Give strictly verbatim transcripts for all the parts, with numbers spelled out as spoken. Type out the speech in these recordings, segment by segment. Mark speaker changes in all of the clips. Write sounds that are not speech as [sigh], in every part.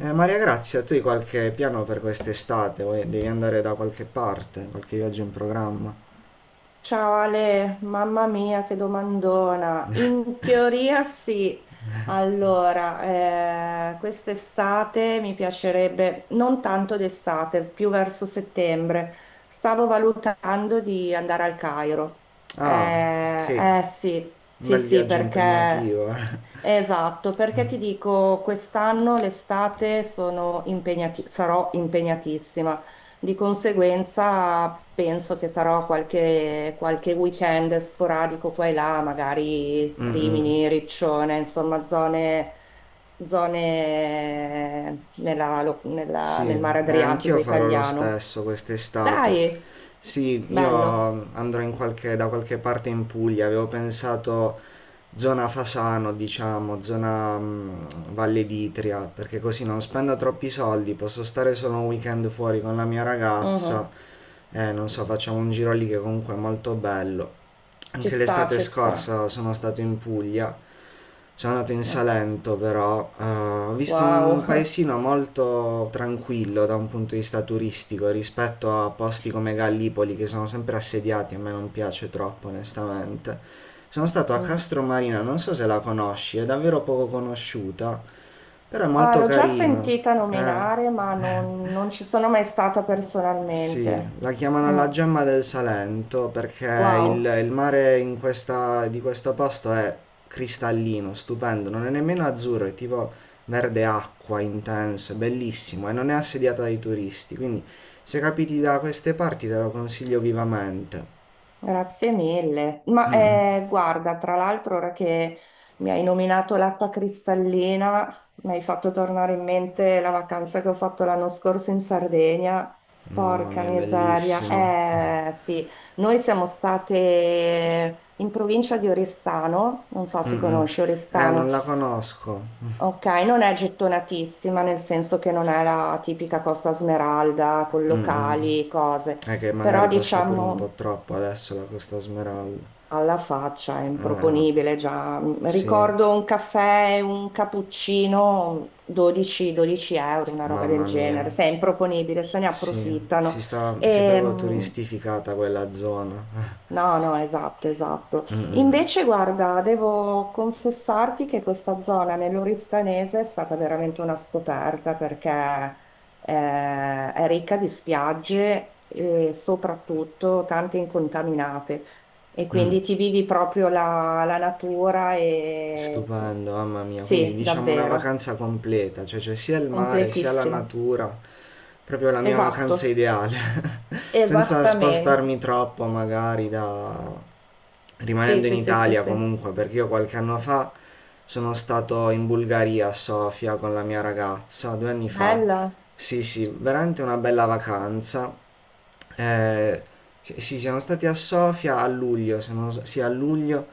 Speaker 1: Eh, Maria Grazia, tu hai qualche piano per quest'estate? Vuoi- devi andare da qualche parte? Qualche viaggio in programma?
Speaker 2: Ciao Ale, mamma mia, che domandona. In teoria sì. Allora, eh, quest'estate mi piacerebbe, non tanto d'estate, più verso settembre, stavo valutando di andare al Cairo. Eh,
Speaker 1: Ah, ok,
Speaker 2: eh sì,
Speaker 1: un
Speaker 2: sì,
Speaker 1: bel
Speaker 2: sì,
Speaker 1: viaggio
Speaker 2: perché.
Speaker 1: impegnativo, eh.
Speaker 2: Esatto, perché ti dico, quest'anno l'estate sono impegnati- sarò impegnatissima, di conseguenza penso che farò qualche, qualche weekend sporadico qua e là, magari
Speaker 1: Mm, mm.
Speaker 2: Rimini, Riccione, insomma zone, zone nella lo- nella-
Speaker 1: Sì,
Speaker 2: nel mare
Speaker 1: eh, anch'io
Speaker 2: Adriatico
Speaker 1: farò lo
Speaker 2: italiano.
Speaker 1: stesso quest'estate.
Speaker 2: Dai,
Speaker 1: Sì, io
Speaker 2: bello.
Speaker 1: andrò in qualche- da qualche parte in Puglia, avevo pensato zona Fasano, diciamo, zona mm, Valle d'Itria, perché così non spendo troppi soldi, posso stare solo un weekend fuori con la mia ragazza.
Speaker 2: Mhm.
Speaker 1: Eh, non so, facciamo un giro lì che comunque è molto bello.
Speaker 2: Ci
Speaker 1: Anche
Speaker 2: sta,
Speaker 1: l'estate
Speaker 2: ci sta.
Speaker 1: scorsa sono stato in Puglia, sono andato in
Speaker 2: Ok.
Speaker 1: Salento però, eh, ho visto un
Speaker 2: Wow. [laughs]
Speaker 1: paesino molto tranquillo da un punto di vista turistico rispetto a posti come Gallipoli che sono sempre assediati, a me non piace troppo onestamente. Sono stato a
Speaker 2: Mhm.
Speaker 1: Castromarina, non so se la conosci, è davvero poco conosciuta, però è
Speaker 2: Ah,
Speaker 1: molto
Speaker 2: l'ho già
Speaker 1: carino.
Speaker 2: sentita
Speaker 1: Eh.
Speaker 2: nominare, ma non, non ci sono mai stata
Speaker 1: Sì,
Speaker 2: personalmente.
Speaker 1: la chiamano
Speaker 2: Mm,
Speaker 1: la gemma del Salento perché il,
Speaker 2: wow,
Speaker 1: il mare in questa- di questo posto è cristallino, stupendo, non è nemmeno azzurro, è tipo verde acqua intenso, è bellissimo e non è assediata dai turisti, quindi se capiti da queste parti te lo consiglio vivamente.
Speaker 2: grazie mille. Ma
Speaker 1: Mm, mm.
Speaker 2: eh, guarda, tra l'altro, ora che mi hai nominato l'acqua cristallina, mi hai fatto tornare in mente la vacanza che ho fatto l'anno scorso in Sardegna.
Speaker 1: Mamma
Speaker 2: Porca
Speaker 1: mia,
Speaker 2: miseria.
Speaker 1: bellissima.
Speaker 2: Eh sì, noi siamo state in provincia di Oristano, non so se
Speaker 1: Mm, mm.
Speaker 2: conosci
Speaker 1: Eh,
Speaker 2: Oristano.
Speaker 1: non la conosco.
Speaker 2: Ok, non è gettonatissima nel senso che non è la tipica Costa Smeralda con
Speaker 1: Mm, mm.
Speaker 2: locali, cose,
Speaker 1: È che
Speaker 2: però
Speaker 1: magari costa pure un po'
Speaker 2: diciamo
Speaker 1: troppo adesso la Costa Smeralda.
Speaker 2: alla faccia è
Speaker 1: Eh, eh,
Speaker 2: improponibile già. Mm,
Speaker 1: sì.
Speaker 2: Ricordo un caffè, e un cappuccino, dodici-dodici euro, una roba del
Speaker 1: Mamma mia,
Speaker 2: genere, se è improponibile, se ne
Speaker 1: sì,
Speaker 2: approfittano.
Speaker 1: si sta, si è proprio
Speaker 2: Ehm,
Speaker 1: turistificata quella zona. [laughs]
Speaker 2: No, no, esatto, esatto.
Speaker 1: Mm, mm,
Speaker 2: Invece, guarda, devo confessarti che questa zona nell'Oristanese è stata veramente una scoperta perché eh, è ricca di spiagge e soprattutto tante incontaminate. E
Speaker 1: mm.
Speaker 2: quindi ti vivi proprio la, la natura e
Speaker 1: Stupendo, mamma mia. Quindi
Speaker 2: sì,
Speaker 1: diciamo una
Speaker 2: davvero,
Speaker 1: vacanza completa, cioè c'è sia il mare sia la
Speaker 2: completissima.
Speaker 1: natura, proprio la mia
Speaker 2: Esatto,
Speaker 1: vacanza ideale. [laughs] Senza
Speaker 2: esattamente.
Speaker 1: spostarmi troppo magari da...
Speaker 2: Sì,
Speaker 1: rimanendo in
Speaker 2: sì, sì, sì,
Speaker 1: Italia
Speaker 2: sì.
Speaker 1: comunque, perché io qualche anno fa sono stato in Bulgaria a Sofia con la mia ragazza, due anni fa.
Speaker 2: Bella,
Speaker 1: Sì, sì, veramente una bella vacanza. Eh, sì, sì, siamo stati a Sofia a luglio, se non, s- sì, a luglio.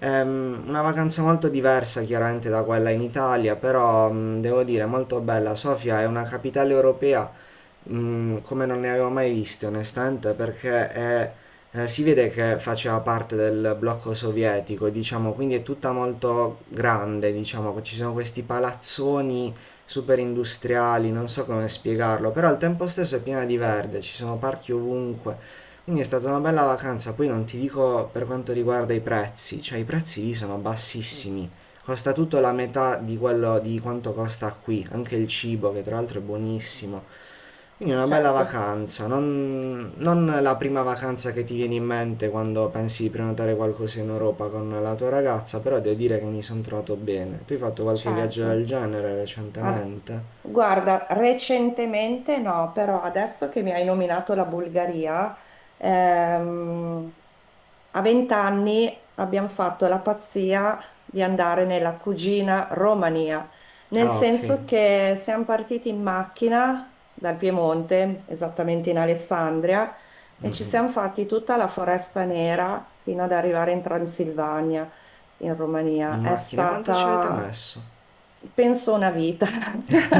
Speaker 1: Ehm, una vacanza molto diversa chiaramente da quella in Italia, però mm, devo dire molto bella. Sofia è una capitale europea mm, come non ne avevo mai viste onestamente perché è- eh, si vede che faceva parte del blocco sovietico, diciamo, quindi è tutta molto grande, diciamo, ci sono questi palazzoni super industriali, non so come spiegarlo, però al tempo stesso è piena di verde, ci sono parchi ovunque. Quindi è stata una bella vacanza, poi non ti dico per quanto riguarda i prezzi, cioè i prezzi lì sono bassissimi, costa tutto la metà di quello di quanto costa qui, anche il cibo che tra l'altro è buonissimo. Quindi una bella
Speaker 2: certo,
Speaker 1: vacanza, non, non la prima vacanza che ti viene in mente quando pensi di prenotare qualcosa in Europa con la tua ragazza, però devo dire che mi sono trovato bene. Tu hai fatto qualche viaggio del
Speaker 2: certo.
Speaker 1: genere
Speaker 2: Ah,
Speaker 1: recentemente?
Speaker 2: guarda, recentemente no, però adesso che mi hai nominato la Bulgaria, ehm, a vent'anni abbiamo fatto la pazzia di andare nella cugina Romania, nel
Speaker 1: Ah, ok.
Speaker 2: senso che siamo partiti in macchina dal Piemonte, esattamente in Alessandria, e
Speaker 1: Mm,
Speaker 2: ci
Speaker 1: mm.
Speaker 2: siamo fatti tutta la Foresta Nera fino ad arrivare in Transilvania in Romania.
Speaker 1: In
Speaker 2: È
Speaker 1: macchina, quanto ci avete
Speaker 2: stata,
Speaker 1: messo?
Speaker 2: penso, una vita. [laughs]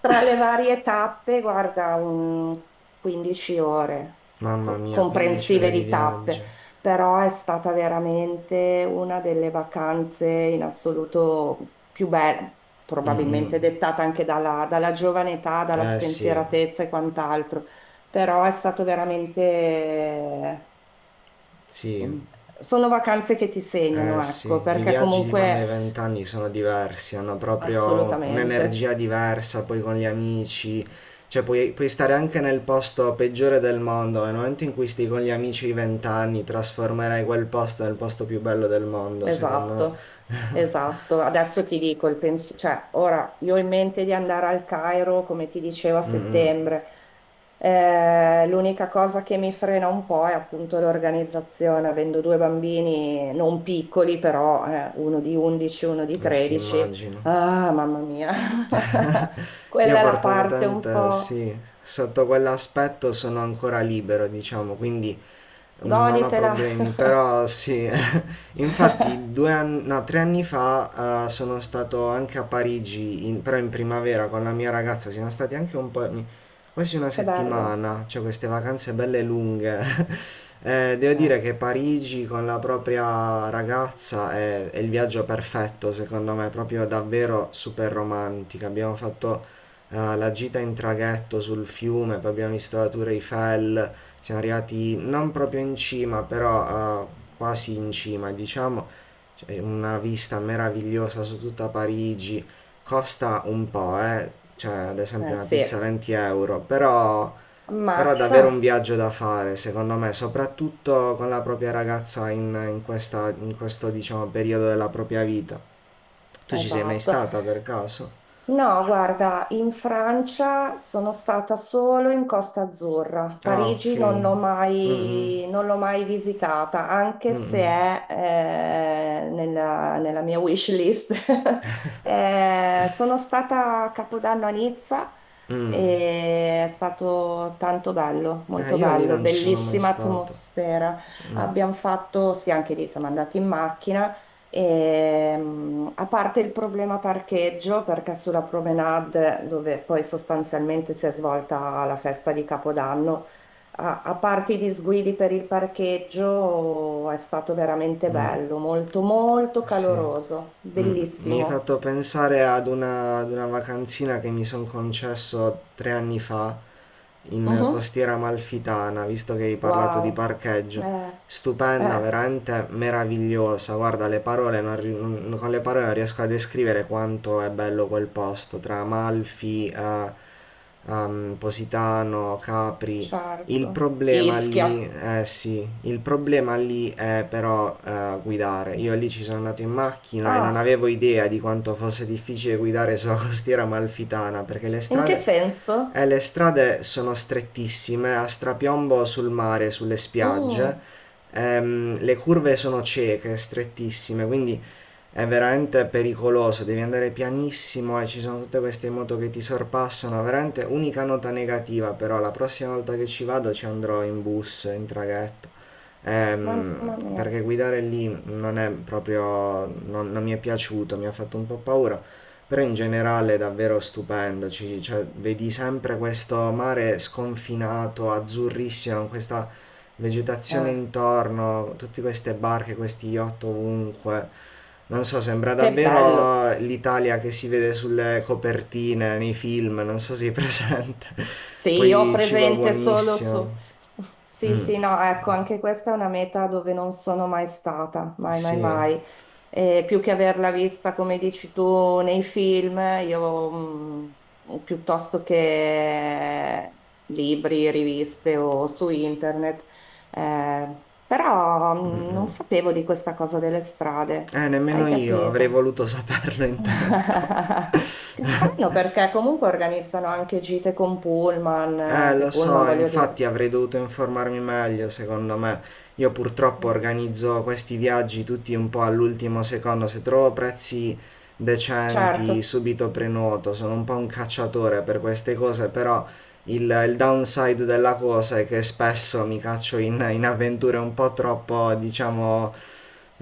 Speaker 2: Tra le varie tappe, guarda, un quindici ore
Speaker 1: Mamma
Speaker 2: co-
Speaker 1: mia, quindici ore
Speaker 2: comprensive
Speaker 1: di
Speaker 2: di
Speaker 1: viaggio.
Speaker 2: tappe, però è stata veramente una delle vacanze in assoluto più belle,
Speaker 1: Mm, mm.
Speaker 2: probabilmente dettata anche dalla, dalla giovane età, dalla
Speaker 1: Eh sì,
Speaker 2: spensieratezza e quant'altro, però è stato veramente.
Speaker 1: sì.
Speaker 2: Mm. Sono vacanze che ti segnano,
Speaker 1: Eh sì,
Speaker 2: ecco,
Speaker 1: i
Speaker 2: perché
Speaker 1: viaggi di quando
Speaker 2: comunque
Speaker 1: hai vent'anni sono diversi, hanno proprio
Speaker 2: assolutamente,
Speaker 1: un'energia diversa, poi con gli amici, cioè puoi, puoi stare anche nel posto peggiore del mondo, ma nel momento in cui stai con gli amici di vent'anni trasformerai quel posto nel posto più bello del mondo, secondo me.
Speaker 2: esatto, esatto. Adesso ti dico il pensiero, cioè ora io ho in mente di andare al Cairo, come ti dicevo, a
Speaker 1: Mm, mm,
Speaker 2: settembre. Eh, l'unica cosa che mi frena un po' è appunto l'organizzazione, avendo due bambini non piccoli, però eh, uno di undici, uno di
Speaker 1: eh sì,
Speaker 2: tredici.
Speaker 1: immagino.
Speaker 2: Ah, mamma mia, [laughs]
Speaker 1: Io
Speaker 2: quella è la parte un
Speaker 1: fortunatamente
Speaker 2: po'.
Speaker 1: sì, sotto quell'aspetto sono ancora libero, diciamo, quindi... Mm, Non ho
Speaker 2: Goditela.
Speaker 1: problemi, però sì. [laughs]
Speaker 2: [laughs]
Speaker 1: Infatti due anni, no, tre anni fa eh, sono stato anche a Parigi, in- però in primavera con la mia ragazza, siamo stati anche un po', mi- quasi una
Speaker 2: Che bello.
Speaker 1: settimana, cioè queste vacanze belle lunghe. [laughs] Eh, devo
Speaker 2: Eh,
Speaker 1: dire che Parigi con la propria ragazza è, è il viaggio perfetto, secondo me, proprio davvero super romantica. Abbiamo fatto eh, la gita in traghetto sul fiume, poi abbiamo visto la Tour Eiffel. Siamo arrivati non proprio in cima, però eh, quasi in cima, diciamo. C'è una vista meravigliosa su tutta Parigi. Costa un po', eh. Cioè, ad esempio
Speaker 2: eh
Speaker 1: una
Speaker 2: sì,
Speaker 1: pizza venti euro, però, però
Speaker 2: ammazza.
Speaker 1: davvero un viaggio da fare, secondo me, soprattutto con la propria ragazza in, in questa- in questo, diciamo, periodo della propria vita. Tu ci sei mai
Speaker 2: Esatto.
Speaker 1: stata per caso?
Speaker 2: No, guarda, in Francia sono stata solo in Costa Azzurra.
Speaker 1: Ah, ok.
Speaker 2: Parigi non l'ho
Speaker 1: Mm-mm.
Speaker 2: mai, non l'ho mai visitata, anche se
Speaker 1: Mm-mm.
Speaker 2: è eh, nella, nella mia wish list. [laughs] Eh, sono stata a Capodanno a Nizza
Speaker 1: Mm. Mm. Mm.
Speaker 2: e è stato tanto bello,
Speaker 1: Eh,
Speaker 2: molto
Speaker 1: io lì
Speaker 2: bello,
Speaker 1: non ci sono mai
Speaker 2: bellissima
Speaker 1: stato.
Speaker 2: atmosfera.
Speaker 1: Mm,
Speaker 2: Abbiamo fatto, sì, anche lì siamo andati in macchina. Ehm, a parte il problema parcheggio, perché sulla promenade, dove poi sostanzialmente si è svolta la festa di Capodanno, a, a parte i disguidi per il parcheggio, è stato veramente bello, molto, molto
Speaker 1: sì.
Speaker 2: caloroso,
Speaker 1: Mm, Mi hai
Speaker 2: bellissimo.
Speaker 1: fatto pensare ad una, ad una vacanzina che mi sono concesso tre anni fa in
Speaker 2: Mhm.
Speaker 1: Costiera Amalfitana, visto che hai parlato di
Speaker 2: Wow.
Speaker 1: parcheggio.
Speaker 2: eh,
Speaker 1: Stupenda,
Speaker 2: eh,
Speaker 1: veramente meravigliosa. Guarda, le parole non ri- non- con le parole non riesco a descrivere quanto è bello quel posto, tra Amalfi, eh, ehm, Positano, Capri. Il
Speaker 2: certo.
Speaker 1: problema lì,
Speaker 2: Ischia.
Speaker 1: eh sì, il problema lì è però eh, guidare. Io lì ci sono andato in macchina e non
Speaker 2: Ah,
Speaker 1: avevo idea di quanto fosse difficile guidare sulla [laughs] costiera amalfitana perché le
Speaker 2: in che
Speaker 1: strade,
Speaker 2: senso?
Speaker 1: eh, le strade sono strettissime, a strapiombo sul mare, sulle spiagge,
Speaker 2: Mm,
Speaker 1: ehm, le curve sono cieche, strettissime, quindi è veramente pericoloso, devi andare pianissimo e ci sono tutte queste moto che ti sorpassano, veramente unica nota negativa, però la prossima volta che ci vado ci andrò in bus, in traghetto. Ehm,
Speaker 2: mamma mia.
Speaker 1: perché guidare lì non è proprio, non, non mi è piaciuto, mi ha fatto un po' paura, però in generale è davvero stupendo, ci- cioè, vedi sempre questo mare sconfinato, azzurrissimo, con questa vegetazione
Speaker 2: Eh,
Speaker 1: intorno, tutte queste barche, questi yacht ovunque. Non so, sembra
Speaker 2: che bello.
Speaker 1: davvero l'Italia che si vede sulle copertine, nei film, non so se è presente. [laughs]
Speaker 2: Sì, io ho
Speaker 1: Poi cibo
Speaker 2: presente solo
Speaker 1: buonissimo.
Speaker 2: su. [laughs] Sì,
Speaker 1: Mm,
Speaker 2: sì, no, ecco, anche questa è una meta dove non sono mai stata, mai, mai,
Speaker 1: sì.
Speaker 2: mai. E più che averla vista, come dici tu, nei film, io mh, piuttosto che libri, riviste o su internet, eh, però mh, non sapevo di questa cosa delle strade,
Speaker 1: Eh, nemmeno
Speaker 2: hai
Speaker 1: io avrei
Speaker 2: capito?
Speaker 1: voluto saperlo in
Speaker 2: [laughs]
Speaker 1: tempo.
Speaker 2: Che strano perché comunque organizzano anche gite con Pullman,
Speaker 1: Eh,
Speaker 2: eh, che
Speaker 1: lo
Speaker 2: Pullman
Speaker 1: so,
Speaker 2: voglio
Speaker 1: infatti
Speaker 2: dire.
Speaker 1: avrei dovuto informarmi meglio, secondo me. Io purtroppo
Speaker 2: Mm.
Speaker 1: organizzo questi viaggi tutti un po' all'ultimo secondo, se trovo prezzi decenti
Speaker 2: Certo,
Speaker 1: subito prenoto, sono un po' un cacciatore per queste cose, però il, il downside della cosa è che spesso mi caccio in, in avventure un po' troppo, diciamo...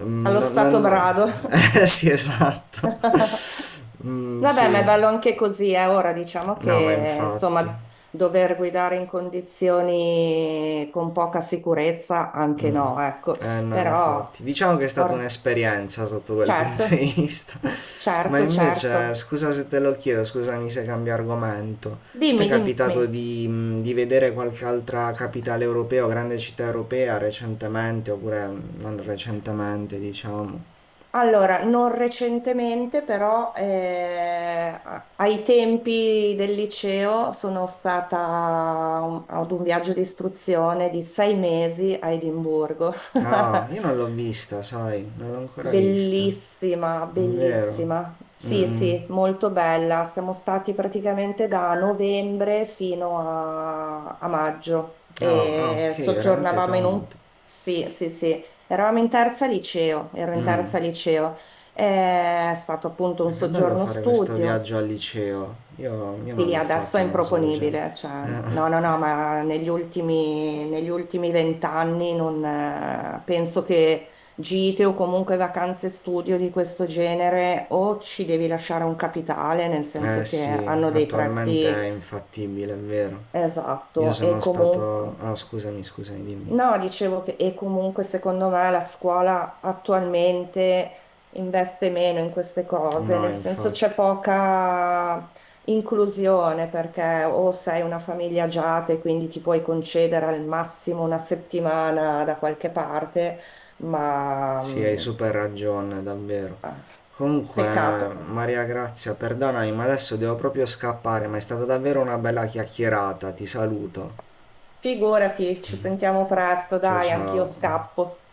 Speaker 1: mm,
Speaker 2: allo
Speaker 1: Non,
Speaker 2: stato
Speaker 1: non...
Speaker 2: brado.
Speaker 1: [laughs] Eh sì, esatto.
Speaker 2: [laughs]
Speaker 1: [laughs] Mm,
Speaker 2: Vabbè, ma è
Speaker 1: sì,
Speaker 2: bello anche così, eh. Ora diciamo
Speaker 1: no, ma
Speaker 2: che
Speaker 1: infatti.
Speaker 2: insomma dover guidare in condizioni con poca sicurezza anche
Speaker 1: Mm.
Speaker 2: no, ecco,
Speaker 1: Eh no,
Speaker 2: però
Speaker 1: infatti. Diciamo che è stata
Speaker 2: or-
Speaker 1: un'esperienza sotto quel punto
Speaker 2: certo,
Speaker 1: di vista. [laughs] Ma
Speaker 2: certo,
Speaker 1: invece,
Speaker 2: certo.
Speaker 1: scusa se te lo chiedo, scusami se cambio argomento. Ti è
Speaker 2: Dimmi, dimmi.
Speaker 1: capitato di, mh, di vedere qualche altra capitale europea o grande città europea recentemente, oppure mh, non recentemente, diciamo?
Speaker 2: Allora, non recentemente, però eh, a- ai tempi del liceo sono stata a un- ad un viaggio di istruzione di sei mesi a Edimburgo.
Speaker 1: Ah, io non l'ho
Speaker 2: [laughs]
Speaker 1: vista, sai, non l'ho ancora vista.
Speaker 2: Bellissima,
Speaker 1: Vero?
Speaker 2: bellissima.
Speaker 1: Mm,
Speaker 2: Sì,
Speaker 1: mm.
Speaker 2: sì, molto bella. Siamo stati praticamente da novembre fino a, a maggio
Speaker 1: Ah, ah,
Speaker 2: e
Speaker 1: ok, veramente
Speaker 2: soggiornavamo in un...
Speaker 1: tanto.
Speaker 2: Sì, sì, sì. Eravamo in terza liceo, ero in
Speaker 1: Mm.
Speaker 2: terza liceo. È stato appunto
Speaker 1: Eh,
Speaker 2: un
Speaker 1: Che bello
Speaker 2: soggiorno
Speaker 1: fare questo
Speaker 2: studio.
Speaker 1: viaggio al liceo. Io, io non
Speaker 2: Sì,
Speaker 1: l'ho
Speaker 2: adesso
Speaker 1: fatto
Speaker 2: è
Speaker 1: una cosa del genere.
Speaker 2: improponibile, cioè, no, no,
Speaker 1: Eh,
Speaker 2: no, ma negli ultimi, negli ultimi vent'anni non, eh, penso che gite o comunque vacanze studio di questo genere o ci devi lasciare un capitale, nel
Speaker 1: eh
Speaker 2: senso che
Speaker 1: sì,
Speaker 2: hanno dei
Speaker 1: attualmente
Speaker 2: prezzi.
Speaker 1: è infattibile, è vero. Io
Speaker 2: Esatto, e
Speaker 1: sono
Speaker 2: comunque
Speaker 1: stato... Ah, scusami, scusami, dimmi.
Speaker 2: no, dicevo che e comunque secondo me la scuola attualmente investe meno in queste cose,
Speaker 1: No,
Speaker 2: nel senso c'è
Speaker 1: infatti.
Speaker 2: poca inclusione perché o sei una famiglia agiata e quindi ti puoi concedere al massimo una settimana da qualche parte, ma
Speaker 1: Sì, hai
Speaker 2: mm,
Speaker 1: super ragione, davvero.
Speaker 2: ah,
Speaker 1: Comunque, eh,
Speaker 2: peccato.
Speaker 1: Maria Grazia, perdonami, ma adesso devo proprio scappare, ma è stata davvero una bella chiacchierata. Ti saluto.
Speaker 2: Figurati, ci sentiamo presto,
Speaker 1: Ciao
Speaker 2: dai, anch'io
Speaker 1: ciao.
Speaker 2: scappo.